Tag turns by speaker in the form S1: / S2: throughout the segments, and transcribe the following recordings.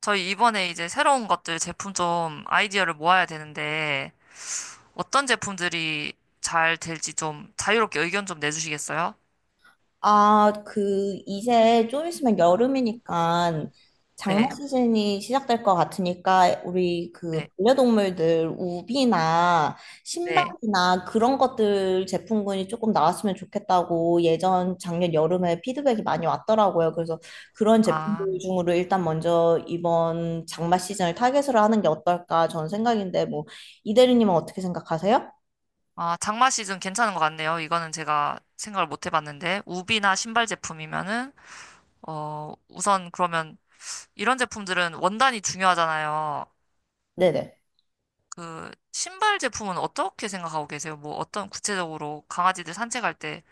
S1: 저희 이번에 이제 새로운 것들 제품 좀 아이디어를 모아야 되는데 어떤 제품들이 잘 될지 좀 자유롭게 의견 좀 내주시겠어요?
S2: 아, 그, 이제 좀 있으면 여름이니까 장마
S1: 네,
S2: 시즌이 시작될 것 같으니까 우리 그
S1: 네,
S2: 반려동물들 우비나
S1: 네.
S2: 신발이나 그런 것들 제품군이 조금 나왔으면 좋겠다고 예전 작년 여름에 피드백이 많이 왔더라고요. 그래서 그런
S1: 아,
S2: 제품들 중으로 일단 먼저 이번 장마 시즌을 타겟으로 하는 게 어떨까 전 생각인데 뭐 이 대리님은 어떻게 생각하세요?
S1: 아, 장마 시즌 괜찮은 것 같네요. 이거는 제가 생각을 못 해봤는데 우비나 신발 제품이면은 우선 그러면 이런 제품들은 원단이 중요하잖아요.
S2: 네네.
S1: 그 신발 제품은 어떻게 생각하고 계세요? 뭐 어떤 구체적으로 강아지들 산책할 때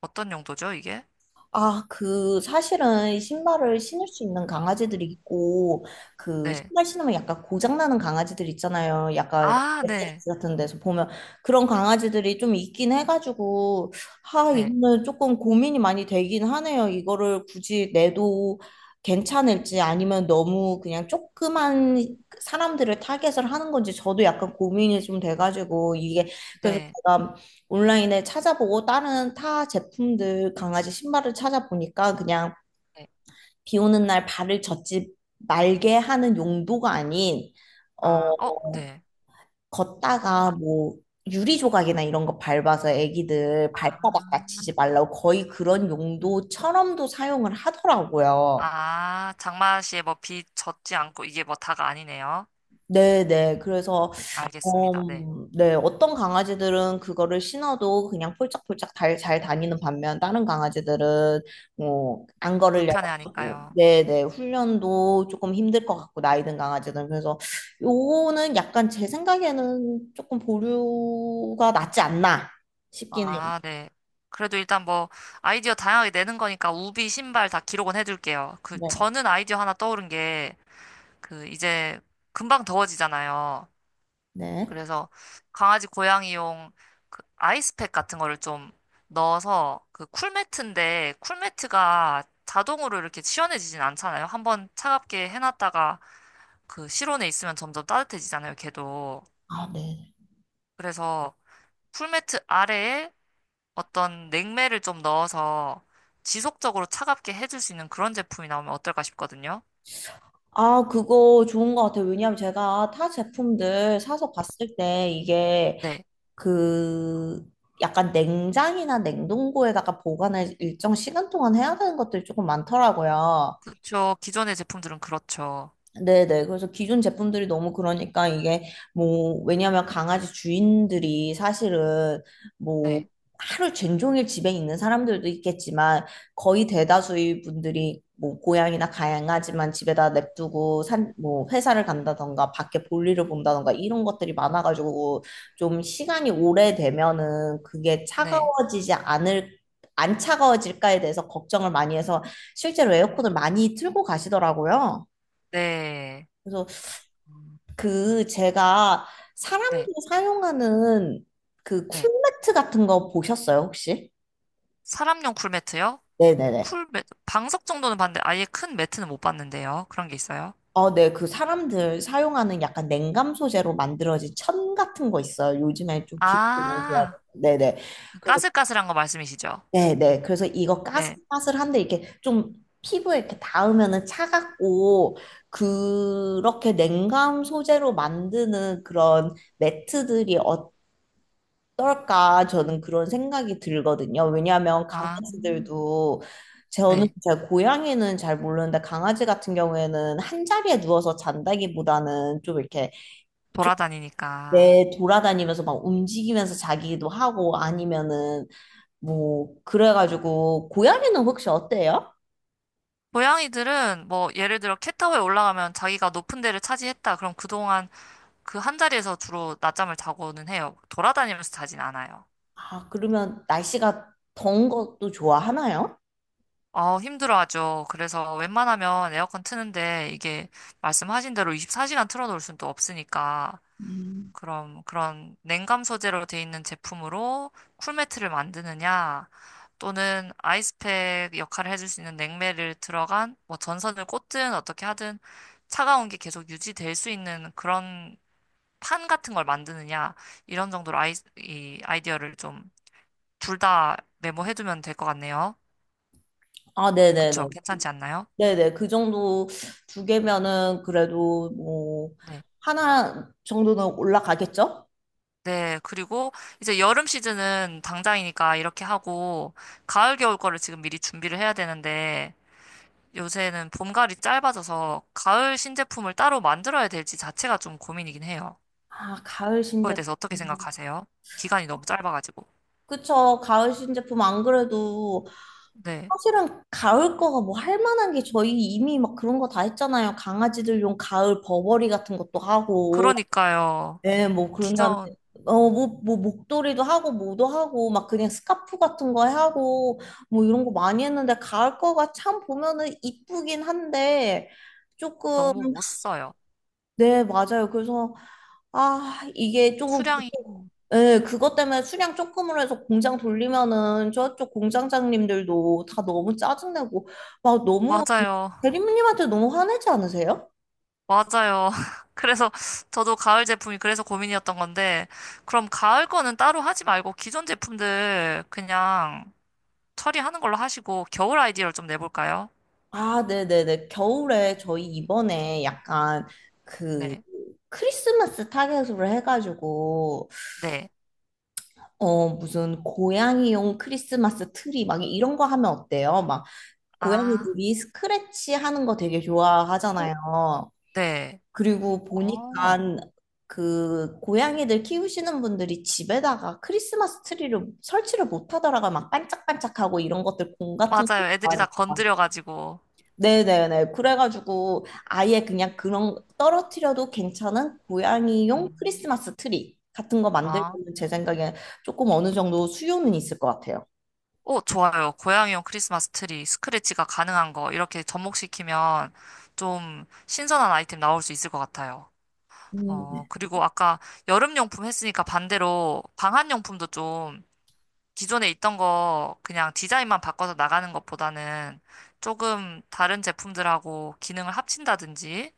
S1: 어떤 용도죠, 이게?
S2: 아, 그, 사실은 신발을 신을 수 있는 강아지들이 있고, 그,
S1: 네.
S2: 신발 신으면 약간 고장나는 강아지들 있잖아요. 약간
S1: 아, 네.
S2: SNS 같은 데서 보면. 그런 강아지들이 좀 있긴 해가지고, 하,
S1: 네.
S2: 이거는 조금 고민이 많이 되긴 하네요. 이거를 굳이 내도 괜찮을지 아니면 너무 그냥 조그만 사람들을 타겟을 하는 건지 저도 약간 고민이 좀 돼가지고, 이게, 그래서
S1: 네.
S2: 제가 온라인에 찾아보고 다른 타 제품들 강아지 신발을 찾아보니까 그냥
S1: 네.
S2: 비 오는 날 발을 젖지 말게 하는 용도가 아닌
S1: 아,
S2: 어
S1: 어, 네. 어,
S2: 걷다가
S1: 다-
S2: 뭐 유리 조각이나 이런 거 밟아서 애기들
S1: 아,
S2: 발바닥 다치지 말라고 거의 그런 용도처럼도 사용을 하더라고요.
S1: 아, 장맛이 뭐비 젖지 않고 이게 뭐 다가 아니네요.
S2: 네네.
S1: 음,
S2: 그래서,
S1: 알겠습니다.
S2: 어,
S1: 네.
S2: 네. 어떤 강아지들은 그거를 신어도 그냥 폴짝폴짝 잘 다니는 반면, 다른 강아지들은, 뭐, 안 걸으려고 하고,
S1: 불편해하니까요.
S2: 네네. 훈련도 조금 힘들 것 같고, 나이 든 강아지들은. 그래서, 요거는 약간 제 생각에는 조금 보류가 낫지 않나 싶긴 해요.
S1: 아, 네. 그래도 일단 뭐 아이디어 다양하게 내는 거니까 우비 신발 다 기록은 해둘게요. 그
S2: 네.
S1: 저는 아이디어 하나 떠오른 게 그 이제 금방 더워지잖아요.
S2: 네.
S1: 그래서 강아지 고양이용 그 아이스팩 같은 거를 좀 넣어서 그 쿨매트인데 쿨매트가 자동으로 이렇게 시원해지진 않잖아요. 한번 차갑게 해놨다가 그 실온에 있으면 점점 따뜻해지잖아요, 걔도.
S2: 아, 네.
S1: 그래서 쿨매트 아래에 어떤 냉매를 좀 넣어서 지속적으로 차갑게 해줄 수 있는 그런 제품이 나오면 어떨까 싶거든요.
S2: 아, 그거 좋은 것 같아요. 왜냐하면 제가 타 제품들 사서 봤을 때 이게
S1: 네,
S2: 그 약간 냉장이나 냉동고에다가 보관을 일정 시간 동안 해야 되는 것들이 조금 많더라고요.
S1: 그렇죠. 기존의 제품들은 그렇죠.
S2: 네네. 그래서 기존 제품들이 너무 그러니까 이게 뭐, 왜냐면 강아지 주인들이 사실은 뭐,
S1: 네,
S2: 하루 종일 집에 있는 사람들도 있겠지만 거의 대다수의 분들이 뭐, 고양이나 강아지만 집에다 냅두고 산, 뭐, 회사를 간다던가 밖에 볼일을 본다던가 이런 것들이 많아가지고 좀 시간이 오래되면은 그게
S1: 네,
S2: 차가워지지 않을 안 차가워질까에 대해서 걱정을 많이 해서 실제로
S1: 음,
S2: 에어컨을 많이 틀고 가시더라고요.
S1: 네,
S2: 그래서
S1: 음,
S2: 그 제가
S1: 네,
S2: 사람들이 사용하는 그
S1: 네.
S2: 쿨매트 같은 거 보셨어요, 혹시?
S1: 사람용 쿨매트요?
S2: 네네네.
S1: 쿨매트, 방석 정도는 봤는데 아예 큰 매트는 못 봤는데요. 그런 게 있어요?
S2: 어, 네. 그 사람들 사용하는 약간 냉감 소재로 만들어진 천 같은 거 있어요. 요즘에 좀 기분이 좋아.
S1: 아,
S2: 네네.
S1: 그
S2: 그래서,
S1: 까슬까슬한 거 말씀이시죠?
S2: 네네. 그래서 이거
S1: 네.
S2: 까슬까슬한데 이렇게 좀 피부에 이렇게 닿으면은 차갑고, 그렇게 냉감 소재로 만드는 그런 매트들이 떨까 저는 그런 생각이 들거든요. 왜냐하면
S1: 아,
S2: 강아지들도 저는
S1: 네.
S2: 제 고양이는 잘 모르는데 강아지 같은 경우에는 한 자리에 누워서 잔다기보다는 좀 이렇게
S1: 돌아다니니까.
S2: 내 돌아다니면서 막 움직이면서 자기도 하고 아니면은 뭐 그래가지고 고양이는 혹시 어때요?
S1: 고양이들은 뭐 예를 들어 캣타워에 올라가면 자기가 높은 데를 차지했다. 그럼 그동안 그 한 자리에서 주로 낮잠을 자고는 해요. 돌아다니면서 자진 않아요.
S2: 아 그러면 날씨가 더운 것도 좋아하나요?
S1: 어, 힘들어하죠. 그래서 웬만하면 에어컨 트는데 이게 말씀하신 대로 24시간 틀어놓을 수는 또 없으니까
S2: 음.
S1: 그럼 그런 냉감 소재로 돼 있는 제품으로 쿨매트를 만드느냐, 또는 아이스팩 역할을 해줄 수 있는 냉매를 들어간 뭐 전선을 꽂든 어떻게 하든 차가운 게 계속 유지될 수 있는 그런 판 같은 걸 만드느냐, 이런 정도로 이 아이디어를 좀 둘 다 메모해두면 될 것 같네요.
S2: 아 네네네.
S1: 그쵸? 괜찮지 않나요?
S2: 네네, 그 정도 두 개면은 그래도 뭐,
S1: 네.
S2: 하나 정도는 올라가겠죠?
S1: 네, 그리고 이제 여름 시즌은 당장이니까 이렇게 하고, 가을, 겨울 거를 지금 미리 준비를 해야 되는데, 요새는 봄가을이 짧아져서 가을 신제품을 따로 만들어야 될지 자체가 좀 고민이긴 해요.
S2: 아, 가을
S1: 그거에
S2: 신제품.
S1: 대해서 어떻게 생각하세요? 기간이 너무 짧아가지고.
S2: 그쵸, 가을 신제품 안 그래도
S1: 네.
S2: 사실은 가을 거가 뭐 할 만한 게 저희 이미 막 그런 거 다 했잖아요. 강아지들용 가을 버버리 같은 것도 하고.
S1: 그러니까요.
S2: 네, 뭐 그런 다음에
S1: 기존
S2: 뭐 목도리도 하고 뭐도 하고 막 그냥 스카프 같은 거 하고 뭐 이런 거 많이 했는데 가을 거가 참 보면은 이쁘긴 한데 조금
S1: 너무 못 써요.
S2: 네, 맞아요. 그래서 아, 이게 조금
S1: 수량이.
S2: 예, 그것 때문에 수량 조금으로 해서 공장 돌리면은 저쪽 공장장님들도 다 너무 짜증내고 막 너무
S1: 맞아요.
S2: 대리님한테 너무 화내지 않으세요?
S1: 맞아요. 그래서 저도 가을 제품이 그래서 고민이었던 건데, 그럼 가을 거는 따로 하지 말고 기존 제품들 그냥 처리하는 걸로 하시고 겨울 아이디어를 좀 내볼까요?
S2: 아, 네네네. 겨울에 저희 이번에 약간 그
S1: 네.
S2: 크리스마스 타겟으로 해가지고,
S1: 네.
S2: 무슨 고양이용 크리스마스 트리 막 이런 거 하면 어때요? 막
S1: 아.
S2: 고양이들이 스크래치 하는 거 되게
S1: 오.
S2: 좋아하잖아요.
S1: 네.
S2: 그리고 보니까
S1: 어.
S2: 그 고양이들 키우시는 분들이 집에다가 크리스마스 트리를 설치를 못 하더라고요. 막 반짝반짝하고 이런 것들 공 같은 거
S1: 맞아요. 애들이 다
S2: 좋아하니까.
S1: 건드려가지고.
S2: 네네네. 그래가지고 아예 그냥 그런 떨어뜨려도 괜찮은 고양이용
S1: 음.
S2: 크리스마스 트리 같은 거
S1: 아.
S2: 만들면 제
S1: 음.
S2: 생각에 조금 어느 정도 수요는 있을 것 같아요.
S1: 오, 좋아요. 고양이용 크리스마스 트리, 스크래치가 가능한 거, 이렇게 접목시키면 좀 신선한 아이템 나올 수 있을 것 같아요. 어,
S2: 음.
S1: 그리고 아까 여름용품 했으니까 반대로 방한용품도 좀 기존에 있던 거 그냥 디자인만 바꿔서 나가는 것보다는 조금 다른 제품들하고 기능을 합친다든지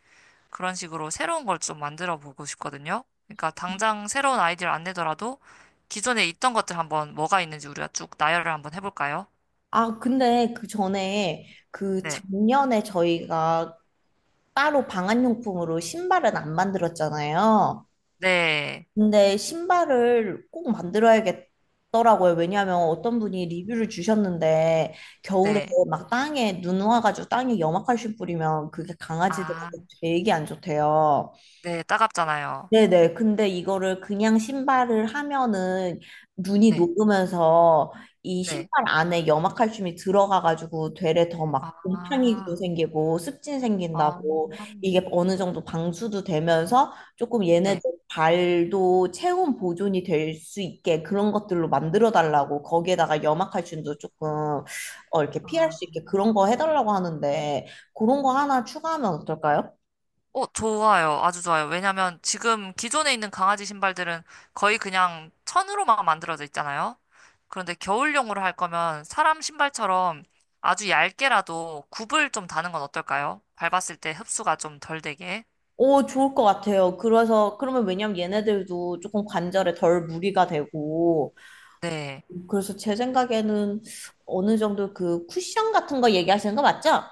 S1: 그런 식으로 새로운 걸 좀 만들어 보고 싶거든요. 그러니까 당장 새로운 아이디어를 안 내더라도 기존에 있던 것들 한번 뭐가 있는지 우리가 쭉 나열을 한번 해볼까요?
S2: 아, 근데 그 전에 그
S1: 네.
S2: 작년에 저희가 따로 방한용품으로 신발은 안 만들었잖아요.
S1: 네.
S2: 근데 신발을 꼭 만들어야겠더라고요. 왜냐하면 어떤 분이 리뷰를 주셨는데 겨울에
S1: 네.
S2: 막 땅에 눈 와가지고 땅에 염화칼슘 뿌리면 그게
S1: 아,
S2: 강아지들한테 되게 안 좋대요.
S1: 네. 따갑잖아요.
S2: 네네. 근데 이거를 그냥 신발을 하면은 눈이
S1: 네.
S2: 녹으면서 이
S1: 네.
S2: 신발 안에 염화칼슘이 들어가가지고 되레 더 막 곰팡이도
S1: 아,
S2: 생기고 습진
S1: 아,
S2: 생긴다고 이게 어느 정도 방수도 되면서 조금 얘네들
S1: 네.
S2: 발도 체온 보존이 될 수 있게 그런 것들로 만들어 달라고 거기에다가 염화칼슘도 조금 이렇게 피할
S1: 아,
S2: 수 있게 그런 거 해달라고 하는데 그런 거 하나 추가하면 어떨까요?
S1: 어, 좋아요. 아주 좋아요. 왜냐면 지금 기존에 있는 강아지 신발들은 거의 그냥 천으로만 만들어져 있잖아요. 그런데 겨울용으로 할 거면 사람 신발처럼 아주 얇게라도 굽을 좀 다는 건 어떨까요? 밟았을 때 흡수가 좀 덜 되게.
S2: 오, 좋을 것 같아요. 그래서, 그러면 왜냐면 얘네들도 조금 관절에 덜 무리가 되고,
S1: 네.
S2: 그래서 제 생각에는 어느 정도 그 쿠션 같은 거 얘기하시는 거 맞죠?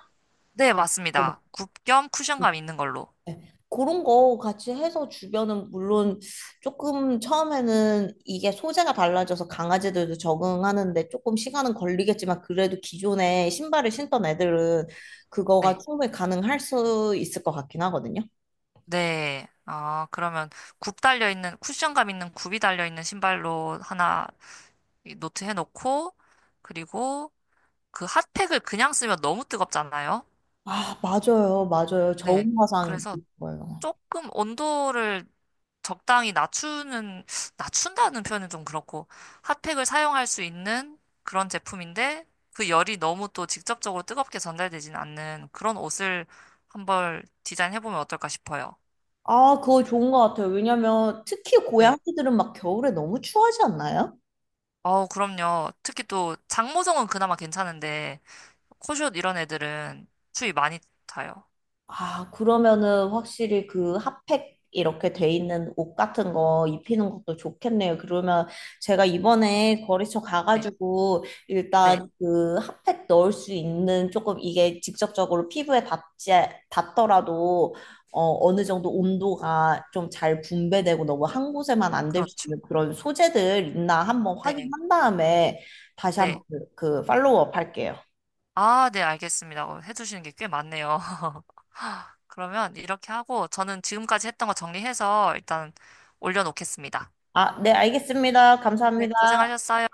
S1: 네,
S2: 네,
S1: 맞습니다. 굽 겸
S2: 네.
S1: 쿠션감 있는 걸로.
S2: 네. 그런 거 같이 해서 주변은 물론 조금 처음에는 이게 소재가 달라져서 강아지들도 적응하는데 조금 시간은 걸리겠지만 그래도 기존에 신발을 신던 애들은 그거가
S1: 네.
S2: 충분히 가능할 수 있을 것 같긴 하거든요.
S1: 네. 아, 그러면 굽 달려 있는, 쿠션감 있는 굽이 달려 있는 신발로 하나 노트 해놓고, 그리고 그 핫팩을 그냥 쓰면 너무 뜨겁잖아요.
S2: 아, 맞아요. 맞아요.
S1: 네.
S2: 저온화상
S1: 그래서
S2: 거예요.
S1: 조금 온도를 적당히 낮추는, 낮춘다는 표현은 좀 그렇고, 핫팩을 사용할 수 있는 그런 제품인데, 그 열이 너무 또 직접적으로 뜨겁게 전달되진 않는 그런 옷을 한번 디자인해보면 어떨까 싶어요.
S2: 아, 그거 좋은 것 같아요. 왜냐면 특히
S1: 네.
S2: 고양이들은 막 겨울에 너무 추하지 않나요?
S1: 어우, 그럼요. 특히 또 장모성은 그나마 괜찮은데, 코숏 이런 애들은 추위 많이 타요.
S2: 아, 그러면은 확실히 그 핫팩 이렇게 돼 있는 옷 같은 거 입히는 것도 좋겠네요. 그러면 제가 이번에 거래처
S1: 네.
S2: 가가지고
S1: 네.
S2: 일단 그 핫팩 넣을 수 있는 조금 이게 직접적으로 피부에 닿지, 닿더라도 어느 정도 온도가 좀 잘 분배되고 너무 한 곳에만 안 될 수
S1: 그렇죠.
S2: 있는 그런 소재들 있나 한번
S1: 네.
S2: 확인한 다음에 다시 한번
S1: 네.
S2: 그 팔로우업 할게요.
S1: 아, 네, 알겠습니다. 어, 해주시는 게 꽤 많네요. 그러면 이렇게 하고 저는 지금까지 했던 거 정리해서 일단 올려놓겠습니다.
S2: 아, 네, 알겠습니다.
S1: 네,
S2: 감사합니다.
S1: 고생하셨어요.